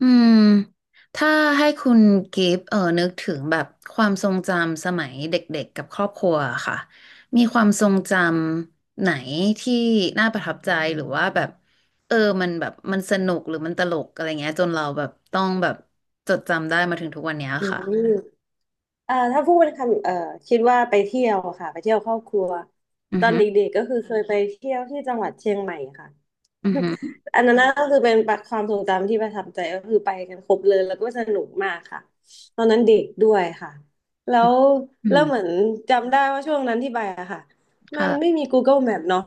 อืมถ้าให้คุณกิฟต์นึกถึงแบบความทรงจำสมัยเด็กๆกับครอบครัวอะค่ะมีความทรงจำไหนที่น่าประทับใจหรือว่าแบบเออมันแบบมันสนุกหรือมันตลกอะไรเงี้ยจนเราแบบต้องแบบจดจำได้มาถึงทุกวันเนี้ยอืค่ะมถ้าพูดเป็นคำคิดว่าไปเที่ยวอะค่ะ ไปเที่ยวครอบครัว อืตออนฮึเด็กๆก็คือเคยไปเที่ยวที่จังหวัดเชียงใหม่ค่ะ อือฮึอันนั้นก็คือเป็นความทรงจำที่ประทับใจก็คือไปกันครบเลยแล้วก็สนุกมากค่ะตอนนั้นเด็กด้วยค่ะแล้วอืเหมืมอนจำได้ว่าช่วงนั้นที่ไปอะค่ะมันไม่ค่ะมี Google Map เนาะ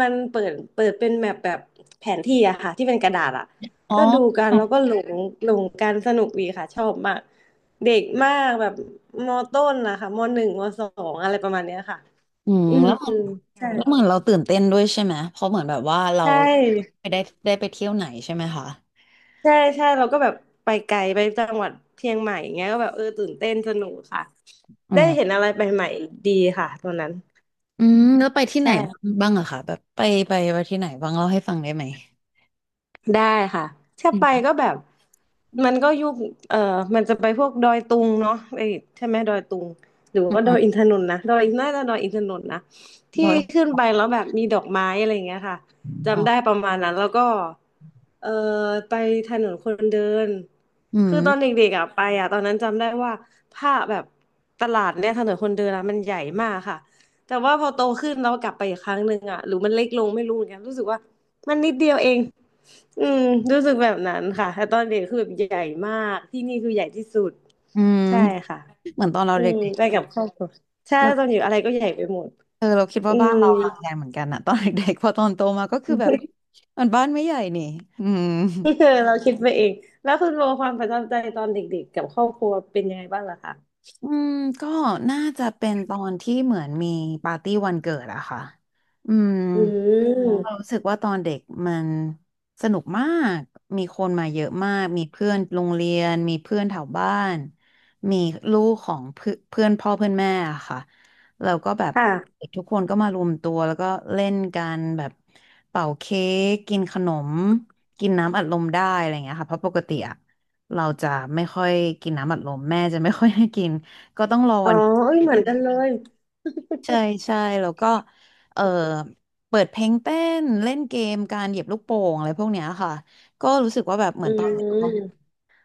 มันเปิดเป็นแมปแบบแผนที่อะค่ะที่เป็นกระดาษอะอ๋ก็อดูกันแล้วก็หลงกันสนุกดีค่ะชอบมากเด็กมากแบบมต้นนะคะมหนึ่งมสองอะไรประมาณเนี้ยค่ะอืมอืมแล้วใช่เหมือนเราตื่นเต้นด้วยใช่ไหมเพราะเหมือนแบบว่าเราใช่ ไปได้ไปเที่ยวไหนใช่ไหมคะใช่ใช่เราก็แบบไปไกลไปจังหวัดเชียงใหม่อย่างเงี้ยก็แบบตื่นเต้นสนุกค่ะอ๋ได้เห็นอ อะไรใหม่ๆดีค่ะตอนนั้นอืมแล้วไปที่ไหนใช่ บ้างอะคะแบบไปไปที่ไหนบ้างเล่าให้ฟังได้ไหมได้ค่ะถ้าอืไปมก็แบบมันก็ยุคเอ่อมันจะไปพวกดอยตุงเนาะไอ้ใช่ไหมดอยตุงหรืออืว่าดอยอิมนทนนท์นะดอยน่าจะดอยอินทนนท์นะที่เราขึ้นไปแล้วแบบมีดอกไม้อะไรอย่างเงี้ยค่ะอ๋อจำได้ประมาณนั้นแล้วก็เอ่อไปถนนคนเดินอืคือตอนมเด็กๆอ่ะไปอ่ะตอนนั้นจำได้ว่าผ้าแบบตลาดเนี่ยถนนคนเดินอ่ะมันใหญ่มากค่ะแต่ว่าพอโตขึ้นเรากลับไปอีกครั้งหนึ่งอ่ะหรือมันเล็กลงไม่รู้เหมือนกันรู้สึกว่า มันนิดเดียวเองอืมรู้สึกแบบนั้นค่ะแต่ตอนเด็กคือแบบใหญ่มากที่นี่คือใหญ่ที่สุด อืมใช่ค่ะเหมือนตอนเราอืเด็กมไปกับครอบครัวใช่ๆเราตอนอยู่อะไรก็ใหญ่ไปหมดเราคิดอืว่าบ้านม เราห่างกันเหมือนกันอะ ตอนเด็กๆพอตอนโตมาก็คือแบบมันบ้านไม่ใหญ่นี่อืม เราคิดไปเองแล้วคุณโบความประทับใจตอนเด็กๆกับครอบครัวเป็นยังไงบ้างล่ะคะอืมก็น่าจะเป็นตอนที่เหมือนมีปาร์ตี้วันเกิดอะค่ะอืม อืเรามรู้สึกว่าตอนเด็กมันสนุกมากมีคนมาเยอะมากมีเพื่อนโรงเรียนมีเพื่อนแถวบ้านมีลูกของเพื่อนเพื่อนพ่อเพื่อนแม่อะค่ะแล้วก็แบบค่ะเด็กทุกคนก็มารวมตัวแล้วก็เล่นกันแบบเป่าเค้กกินขนมกินน้ำอัดลมได้อะไรอย่างเงี้ยค่ะเพราะปกติอะเราจะไม่ค่อยกินน้ำอัดลมแม่จะไม่ค่อยให้กินก็ต้องรออ๋อวัน เอ้ยเหมือนกันเลยใช่ใช่แล้วก็เออเปิดเพลงเต้นเล่นเกมการเหยียบลูกโป่งอะไรพวกเนี้ยค่ะอืม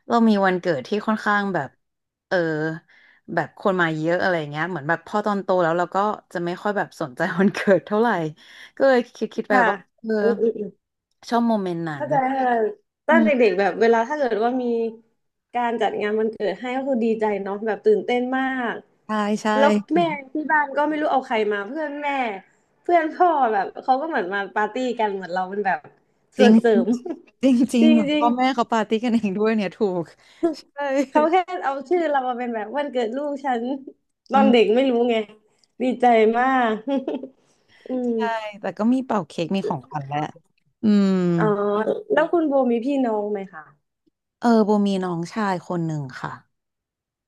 เรามีวันเกิดที่ค่อนข้างเออแบบคนมาเยอะอะไรเงี้ยเหมือนแบบพอตอนโตแล้วเราก็จะไม่ค่อยแบบสนใจวันเกิดเท่าไหร่ก็เลยคิดไปค่ะ ว่าเอออืมอืม ชอบโมเมนต์นั้นเข้าใจค่ะตออืนมเด็กๆแบบเวลาถ้าเกิดว่ามีการจัดงานวันเกิดให้ก็คือดีใจเนาะแบบตื่นเต้นมากใช่ใช่แล้วแม่ที่บ้านก็ไม่รู้เอาใครมาเพื่อนแม่เพื่อนพ่อแบบเขาก็เหมือนมาปาร์ตี้กันเหมือนเราเป็นแบบจส่ริวงนเสริม จริงจ ริจรงเหมือนิงพ่อแม่เขาๆปาร์ตี้กันเองด้วยเนี่ยถูกใช่เขาแค่เอาชื่อเรามาเป็นแบบวันเกิดลูกฉัน ตอือนเด็กม ไม่รู้ไงดีใจมาก อืมใช่ แต่ก็มีเป่าเค้กมีของขวัญแหละอืมอ๋อแล้วคุณโบมีพี่น้องไหมคะ เออโบมีน้องชายคนหนึ่งค่ะ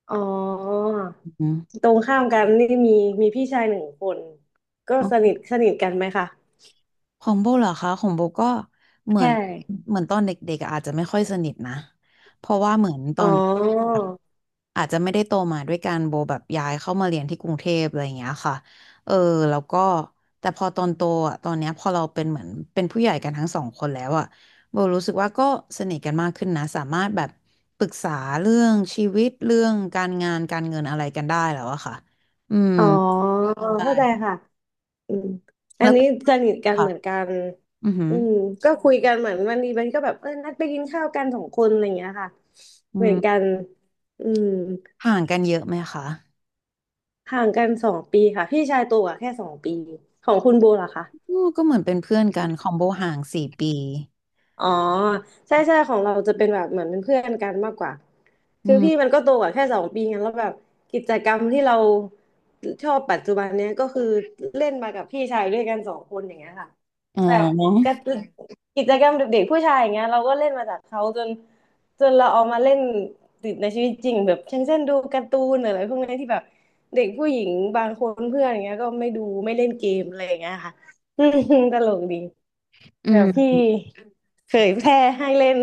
อ๋ออืมตรงข้ามกันนี่มีพี่ชายหนึ่งคนก็อ๋สอนิทสนิทกันไหมคะของโบเหรอคะ ของโบก็เหมืใชอน่เหมือนตอนเด็กๆอะอาจจะไม่ค่อยสนิทนะ เพราะว่าเหมือนตออ๋อน อาจจะไม่ได้โตมาด้วยกันโบแบบย้ายเข้ามาเรียนที่กรุงเทพอะไรอย่างเงี้ยค่ะเออแล้วก็แต่พอตอนโตอ่ะตอนเนี้ยพอเราเป็นเหมือนเป็นผู้ใหญ่กันทั้ง2 คนแล้วอ่ะโบรู้สึกว่าก็สนิทกันมากขึ้นนะสามารถแบบปรึกษาเรื่องชีวิตเรื่องการงานการเงินอะไรกันได้แล้วอะค่ะอืมอ๋อใช่เข้าใจค่ะอืมอัแล้นวนี้สนิทกันค่ะเหมือนกันอือหืออืมก็คุยกันเหมือนวันนี้มันก็แบบนัดไปกินข้าวกันสองคนอะไรอย่างเงี้ยค่ะอืเหมือนกัมนอืมห่างกันเยอะไหมคะห่างกันสองปีค่ะพี่ชายโตัวกว่าแค่สองปีของคุณโบล่ะคะ อืมก็เหมือนเป็นเพื่อนกันคอมโบห่าง4 ปีอ๋อใช่ใช่ของเราจะเป็นแบบเหมือนเป็นเพื่อนกันมากกว่าอืคือพี่มัมนก็โตกว่าแค่สองปีไงแล้วแบบกิจกรรมที่เราชอบปัจจุบันเนี้ยก็คือเล่นมากับพี่ชายด้วยกันสองคนอย่างเงี้ยค่ะอ๋อแบบกจกิจกรรมเด็กๆผู้ชายอย่างเงี้ยเราก็เล่นมาจากเขาจนเราเอามาเล่นติดในชีวิตจริงแบบเช่นดูการ์ตูนหรืออะไรพวกนี้ที่แบบเด็กผู้หญิงบางคนเพื่อนอย่างเงี้ยก็ไม่ดูไม่เล่นเกมอะไรอย่างเงี้ยค่ะ อืมตลกดีอืแบบพี่ มเผยแพร่ให้เล่น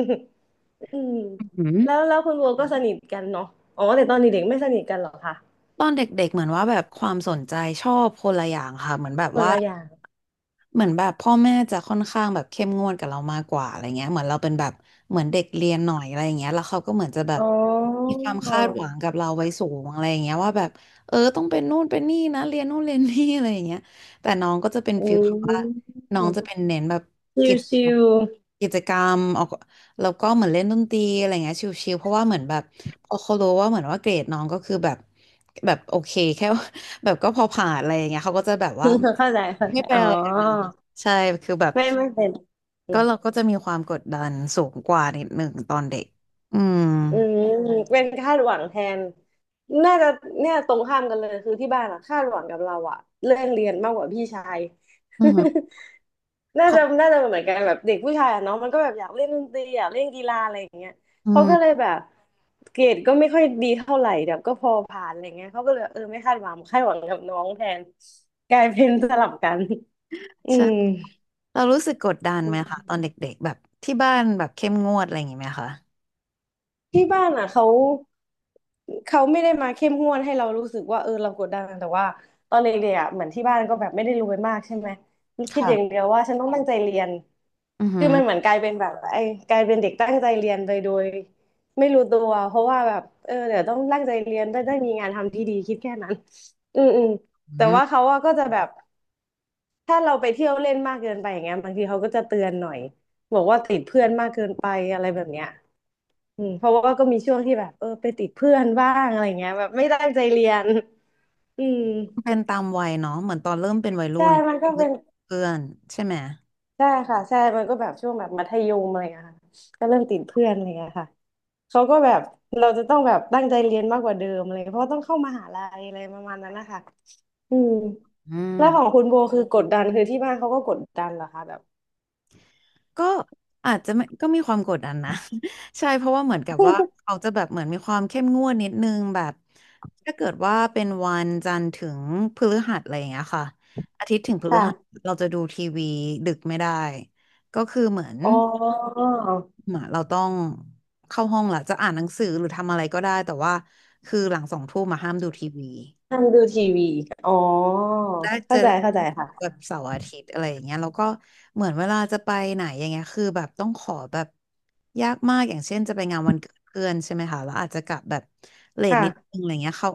อืมอืแล้วม คุณบัวก็สนิทกันเนาะอ๋อ แต่ตอนเด็กๆไม่สนิทกันเหรอคะตอนเด็กๆ เหมือนว่าแบบความสนใจชอบคนละอย่างค่ะเหมือนแบบคนว่า ละอย่าง เหมือนแบบพ่อแม่จะค่อนข้างแบบเข้มงวดกับเรามากกว่าอะไรเงี้ยเหมือนเราเป็นแบบเหมือนเด็กเรียนหน่อยอะไรเงี้ยแล้วเขาก็เหมือนจะแบอ๋บมีอความคาดหวังกับเราไว้สูงอะไรเงี้ยว่าแบบต้องเป็นนู่นเป็นนี่นะเรียนนู่นเรียนนี่อะไรเงี้ยแต่น้องก็จะเป็นอืฟีลแบบว่ามน้องจะเป็นเน้นแบบกิจชิวๆ กิจกรรมออกแล้วก็เหมือนเล่นดนตรีอะไรเงี้ยชิลๆเพราะว่าเหมือนแบบพอเขารู้ว่าเหมือนว่าเกรดน้องก็คือแบบแบบโอเคแค่ แบบก็พอผ่านอะไรอย่างเงี้ยเขาก็จะแบบว่า เข้าใจเข้าไม่ใจเป็นอ๋อ อะไรกันนะคะใช่คือแบบไม่ไม่เป็น ก็เราก็จะมีความกดดันสูงกว่านิดหนึ่งตอนเด็กอืมอืมเป็นคาดหวังแทนน่าจะเนี่ยตรงข้ามกันเลยคือที่บ้านอะคาดหวังกับเราอะเรื่องเรียนมากกว่าพี่ชาย อืม เพน่าราะจะเหมือนกันแบบเด็กผู้ชายอะเนาะมันก็แบบอยากเล่นดนตรีอยากเล่นกีฬาอะไรอย่างเงี้ยอืเขาก็มเลยแบบเกรดก็ไม่ค่อยดีเท่าไหร่แบบก็พอผ่านอะไรเงี้ยเขาก็เลยไม่คาดหวังคาดหวังกับน้องแทนกลายเป็นสลับกันอืใช่ม เรารู้สึกกดดันไหมคะตอนเด็กๆแบบที่บ้านแบบเข้มงวดอะไรอย่างงี้ไหมคะที่บ้านอ่ะเขาไม่ได้มาเข้มงวดให้เรารู้สึกว่าเรากดดันแต่ว่าตอนเด็กๆอ่ะเหมือนที่บ้านก็แบบไม่ได้รวยมากใช่ไหมคิดอย่างค่ะเดียวว่าฉันต้องตั้งใจเรียนอือหืคืออมันเหมือนกลายเป็นแบบไอ้กลายเป็นเด็กตั้งใจเรียนไปโดยไม่รู้ตัวเพราะว่าแบบเดี๋ยวต้องตั้งใจเรียนได้มีงานทำที่ดีคิดแค่นั้นอืมอืมอืแต่มว่าเขาอะก็จะแบบ ถ้าเราไปเที่ยวเล่นมากเกินไปอย่างเงี้ยบางทีเขาก็จะเตือนหน่อยบอกว่าติดเพื่อนมากเกินไปอะไรแบบเนี้ยอืมเพราะว่าก็มีช่วงที่แบบไปติดเพื่อนบ้างอะไรเงี้ยแบบไม่ตั้งใจเรียนอืมเป็นตามวัยเนาะเหมือนตอนเริ่มเป็นวัยรุ่ใช่นมันก็เริ่เป็มนเพื่อนใช่ไหมใช่ค่ะใช่มันก็แบบช่วงแบบมัธยมอะไรเงี้ยค่ะก็เริ่มติดเพื่อนอะไรเงี้ยค่ะเขาก็แบบเราจะต้องแบบตั้งใจเรียนมากกว่าเดิมอะไรเงี้ยเพราะว่าต้องเข้ามหาลัยอะไรประมาณนั้นนะคะอืมอืม แล้วของคุณโบคือกดดันคือที่บ้านเขาก็กดดันเหรอคะแบบ ก็อาจจะไม่ก็มีความกดดันนะ ใช่เพราะว่าเหมือนกับว่า เขาจะแบบเหมือนมีความเข้มงวดนิดนึงแบบถ้าเกิดว่าเป็นวันจันทร์ถึงพฤหัสอะไรอย่างเงี้ยค่ะอาทิตย์ถึงพฤหัสค่ะ เราจะดูทีวีดึกไม่ได้ก็คือเหมือนอ๋อเหมือนเราต้องเข้าห้องละจะอ่านหนังสือหรือทำอะไรก็ได้แต่ว่าคือหลังสองทุ่มมาห้ามดูทีวี นั่งดูทีวีอ๋อแรกเจอเข้าใจเข้าใจแบบค่ะเสาร์อาทิตย์อะไรอย่างเงี้ยแล้วก็เหมือนเวลาจะไปไหนอย่างเงี้ยคือแบบต้องขอแบบยากมากอย่างเช่นจะไปงานวันเกิดเพื่อนใช่ไหมคะแล้วอาจจะกลับแบบเลทนิดนึค่ะงอะไรเงี้ยเขา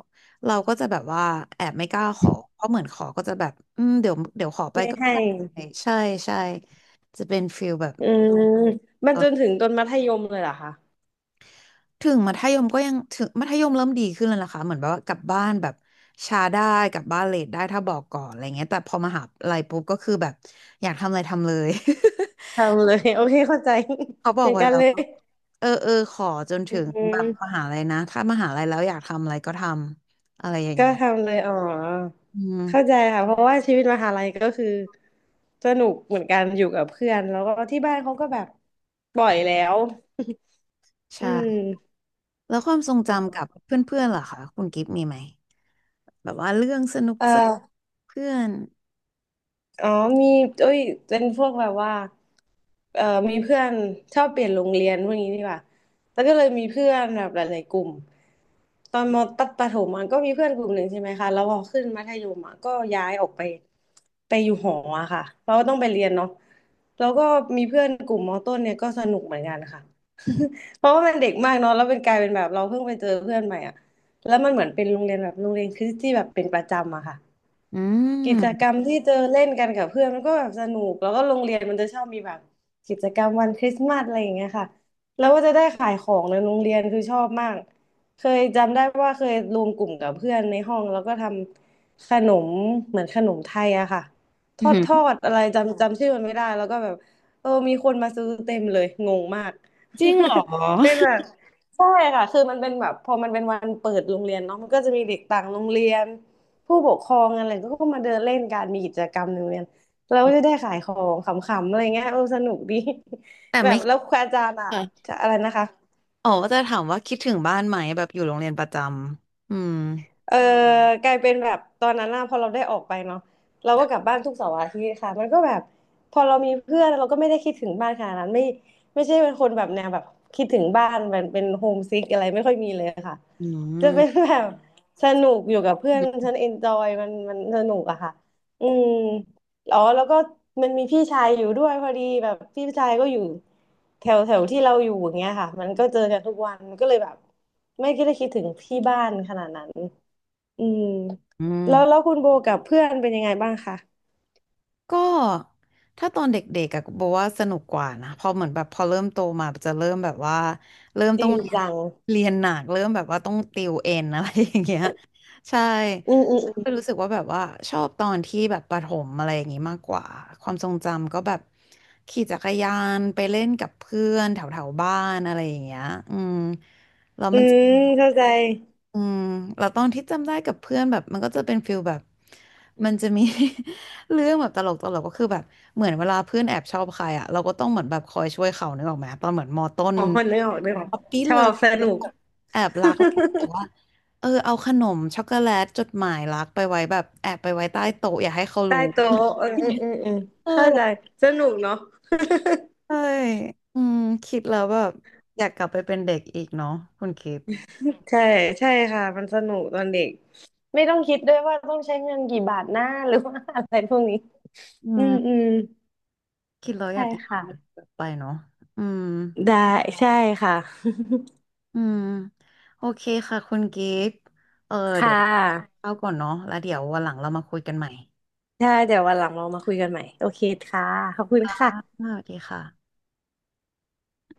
เราก็จะแบบว่าแอบไม่กล้าขอเพราะเหมือนขอก็จะแบบอืมเดี๋ยวขอไปไม่ก็ให้ได้ใช่ใช่จะเป็นฟิลแบบอืมมันเอจอ นถึงตอนมัธยมเลยเหรอคะถึงมัธยมก็ยังถึงมัธยมเริ่มดีขึ้นแล้วนะคะเหมือนแบบว่ากลับบ้านแบบช้าได้กลับบ้านเลทได้ถ้าบอกก่อนอะไรเงี้ยแต่พอมหาลัยปุ๊บก็คือแบบอยากทำอะไรทำเลย ทำเลย โอเคเข้าใจ เขาบ ออกย่างไว้กันแล้วเลยว่าเออขอจนอืถึงแบบมมหาลัยนะถ้ามหาลัยแล้วอยากทำอะไรก็ทำอะไรอย่างก็เงี้ยทำเลยอ๋ออืมเข้าใจค่ะเพราะว่าชีวิตมหาลัยก็คือสนุกเหมือนกันอยู่กับเพื่อนแล้วก็ที่บ้านเขาก็แบบปล่อยแล้วอืใช่มแล้วความทรงจำกับเพื่อนๆล่ะคะคุณกิฟต์มีไหมแบบว่าเรื่องสนุกเอสนกอ เพื่อนอ๋อมีเอ้ยเป็นพวกแบบว่าเอ่อมีเพื่อนชอบเปลี่ยนโรงเรียนพวกนี้ดีกว่าแล้วก็เลยมีเพื่อนแบบหลายๆกลุ่มตอนประถมอ่ะก็มีเพื่อนกลุ่มหนึ่งใช่ไหมคะแล้วพอขึ้นมัธยมอ่ะก็ย้ายออกไปไปอยู่หออะค่ะเพราะว่าต้องไปเรียนเนาะแล้วก็มีเพื่อนกลุ่มมต้นเนี่ยก็สนุกเหมือนกันค่ะ เพราะว่ามันเด็กมากเนาะแล้วเป็นกลายเป็นแบบเราเพิ่งไปเจอเพื่อนใหม่อ่ะแล้วมันเหมือนเป็นโรงเรียนแบบโรงเรียนคริสต์ที่แบบเป็นประจำอะค่ะ อืกิจกรม รมที่เจอเล่นกันกับเพื่อนมันก็แบบสนุกแล้วก็โรงเรียนมันจะชอบมีแบบกิจกรรมวันคริสต์มาสอะไรอย่างเงี้ยค่ะแล้วก็จะได้ขายของในโรงเรียนคือชอบมากเคยจำได้ว่าเคยรวมกลุ่มกับเพื่อนในห้องแล้วก็ทำขนมเหมือนขนมไทยอะค่ะ ทอืออดหือทอดอะไรจำชื่อมันไม่ได้แล้วก็แบบเออมีคนมาซื้อเต็มเลยงงมาก เป็นแบบใช่ค่ะคือมันเป็นแบบพอมันเป็นวันเปิดโรงเรียนเนาะมันก็จะมีเด็กต่างโรงเรียน ผู้ปกครองอะไรก็มาเดินเล่นกันมีกิจกรรมในโรงเรียนเราก็จะได้ขายของขำๆอะไรเงี้ยเออสนุกดี แต่ แบไม่บคแล้ดวครูอาจารย์อ่ะค่ะ จะอะไรนะคะอ๋อจะถามว่าคิดถึงบ้านไหมแบบอยู่โรงเรียนประจำเออกลายเป็นแบบตอนนั้นน่ะพอเราได้ออกไปเนาะเราก็กลับบ้านทุกเสาร์อาทิตย์ค่ะมันก็แบบพอเรามีเพื่อนเราก็ไม่ได้คิดถึงบ้านขนาดนั้นไม่ใช่เป็นคนแบบแนวแบบคิดถึงบ้านเป็นเป็นโฮมซิกอะไรไม่ค่อยมีเลยค่ะอืจะเป็นมแบบสนุกอยู่กับเพื่อนฉันเอนจอยมันสนุกอะค่ะอืม อ๋อแล้วก็มันมีพี่ชายอยู่ด้วยพอดีแบบพี่ชายก็อยู่แถวแถวที่เราอยู่อย่างเงี้ยค่ะมันก็เจอกันทุกวันมันก็เลยแบบไม่คิดได้คิดถึงที่บ้านขนาดนั้นอืมอืมแล้วคุณโบกับเพื่อนเป็นยังไงบ้างคะก็ถ้าตอนเด็กๆอะบอกว่าสนุกกว่านะพอเหมือนแบบพอเริ่มโตมาจะเริ่มแบบว่าเริ่มจต้ริองงเรียนจังเรียนหนักเริ่มแบบว่าต้องติวเอ็นอะไรอย่างเงี้ยใช่อืมอืมอืมก็รู้สึกว่าแบบว่าชอบตอนที่แบบประถมอะไรอย่างงี้มากกว่าความทรงจำก็แบบขี่จักรยานไปเล่นกับเพื่อนแถวๆบ้านอะไรอย่างเงี้ยอืมแล้วอืมันจะ มเข้าใจอืมเราตอนที่จำได้กับเพื่อนแบบมันก็จะเป็นฟิลแบบมันจะมี เรื่องแบบตลกตลกก็คือแบบเหมือนเวลาเพื่อนแอบชอบใครอ่ะเราก็ต้องเหมือนแบบคอยช่วยเขานึกออกไหมตอนเหมือนมอต้นอ๋อนึกออกป๊อปปี้ชอเลิบฟสนุก แอบรักแล้วก็แบ บว่าเออเอาขนมช็อกโกแลตจดหมายรักไปไว้แบบแอบไปไว้ใต้โต๊ะอย่าให้เขารู้ ใต้โต๊ะเอออืมอืมอืม เออเข้าใจสนุกเนาะ ใช่อืมคิดแล้วแบบอยากกลับไปเป็นเด็กอีกเนาะคุณคิดใช่ใช่ค่ะมันสนุกตอนเด็กไม่ต้องคิดด้วยว่าต้องใช้เงินกี่บาทหน้าหรือว่าอะไรพวกนี้อือืมมอืมคิดแล้วอใช่ยากย้อนค่ะกลับไปเนาะอืม ได้ใช่ค่ะ อืมโอเคค่ะคุณกิฟต์เออ ค่เดี๋ยวะเข้าก่อนเนาะแล้วเดี๋ยววันหลังเรามาคุยกันใหม่ใช่เดี๋ยววันหลังเรามาคุยกันใหม่โอเคค่ะขอบคุณอ่าสค่ะวัสดีค่ะ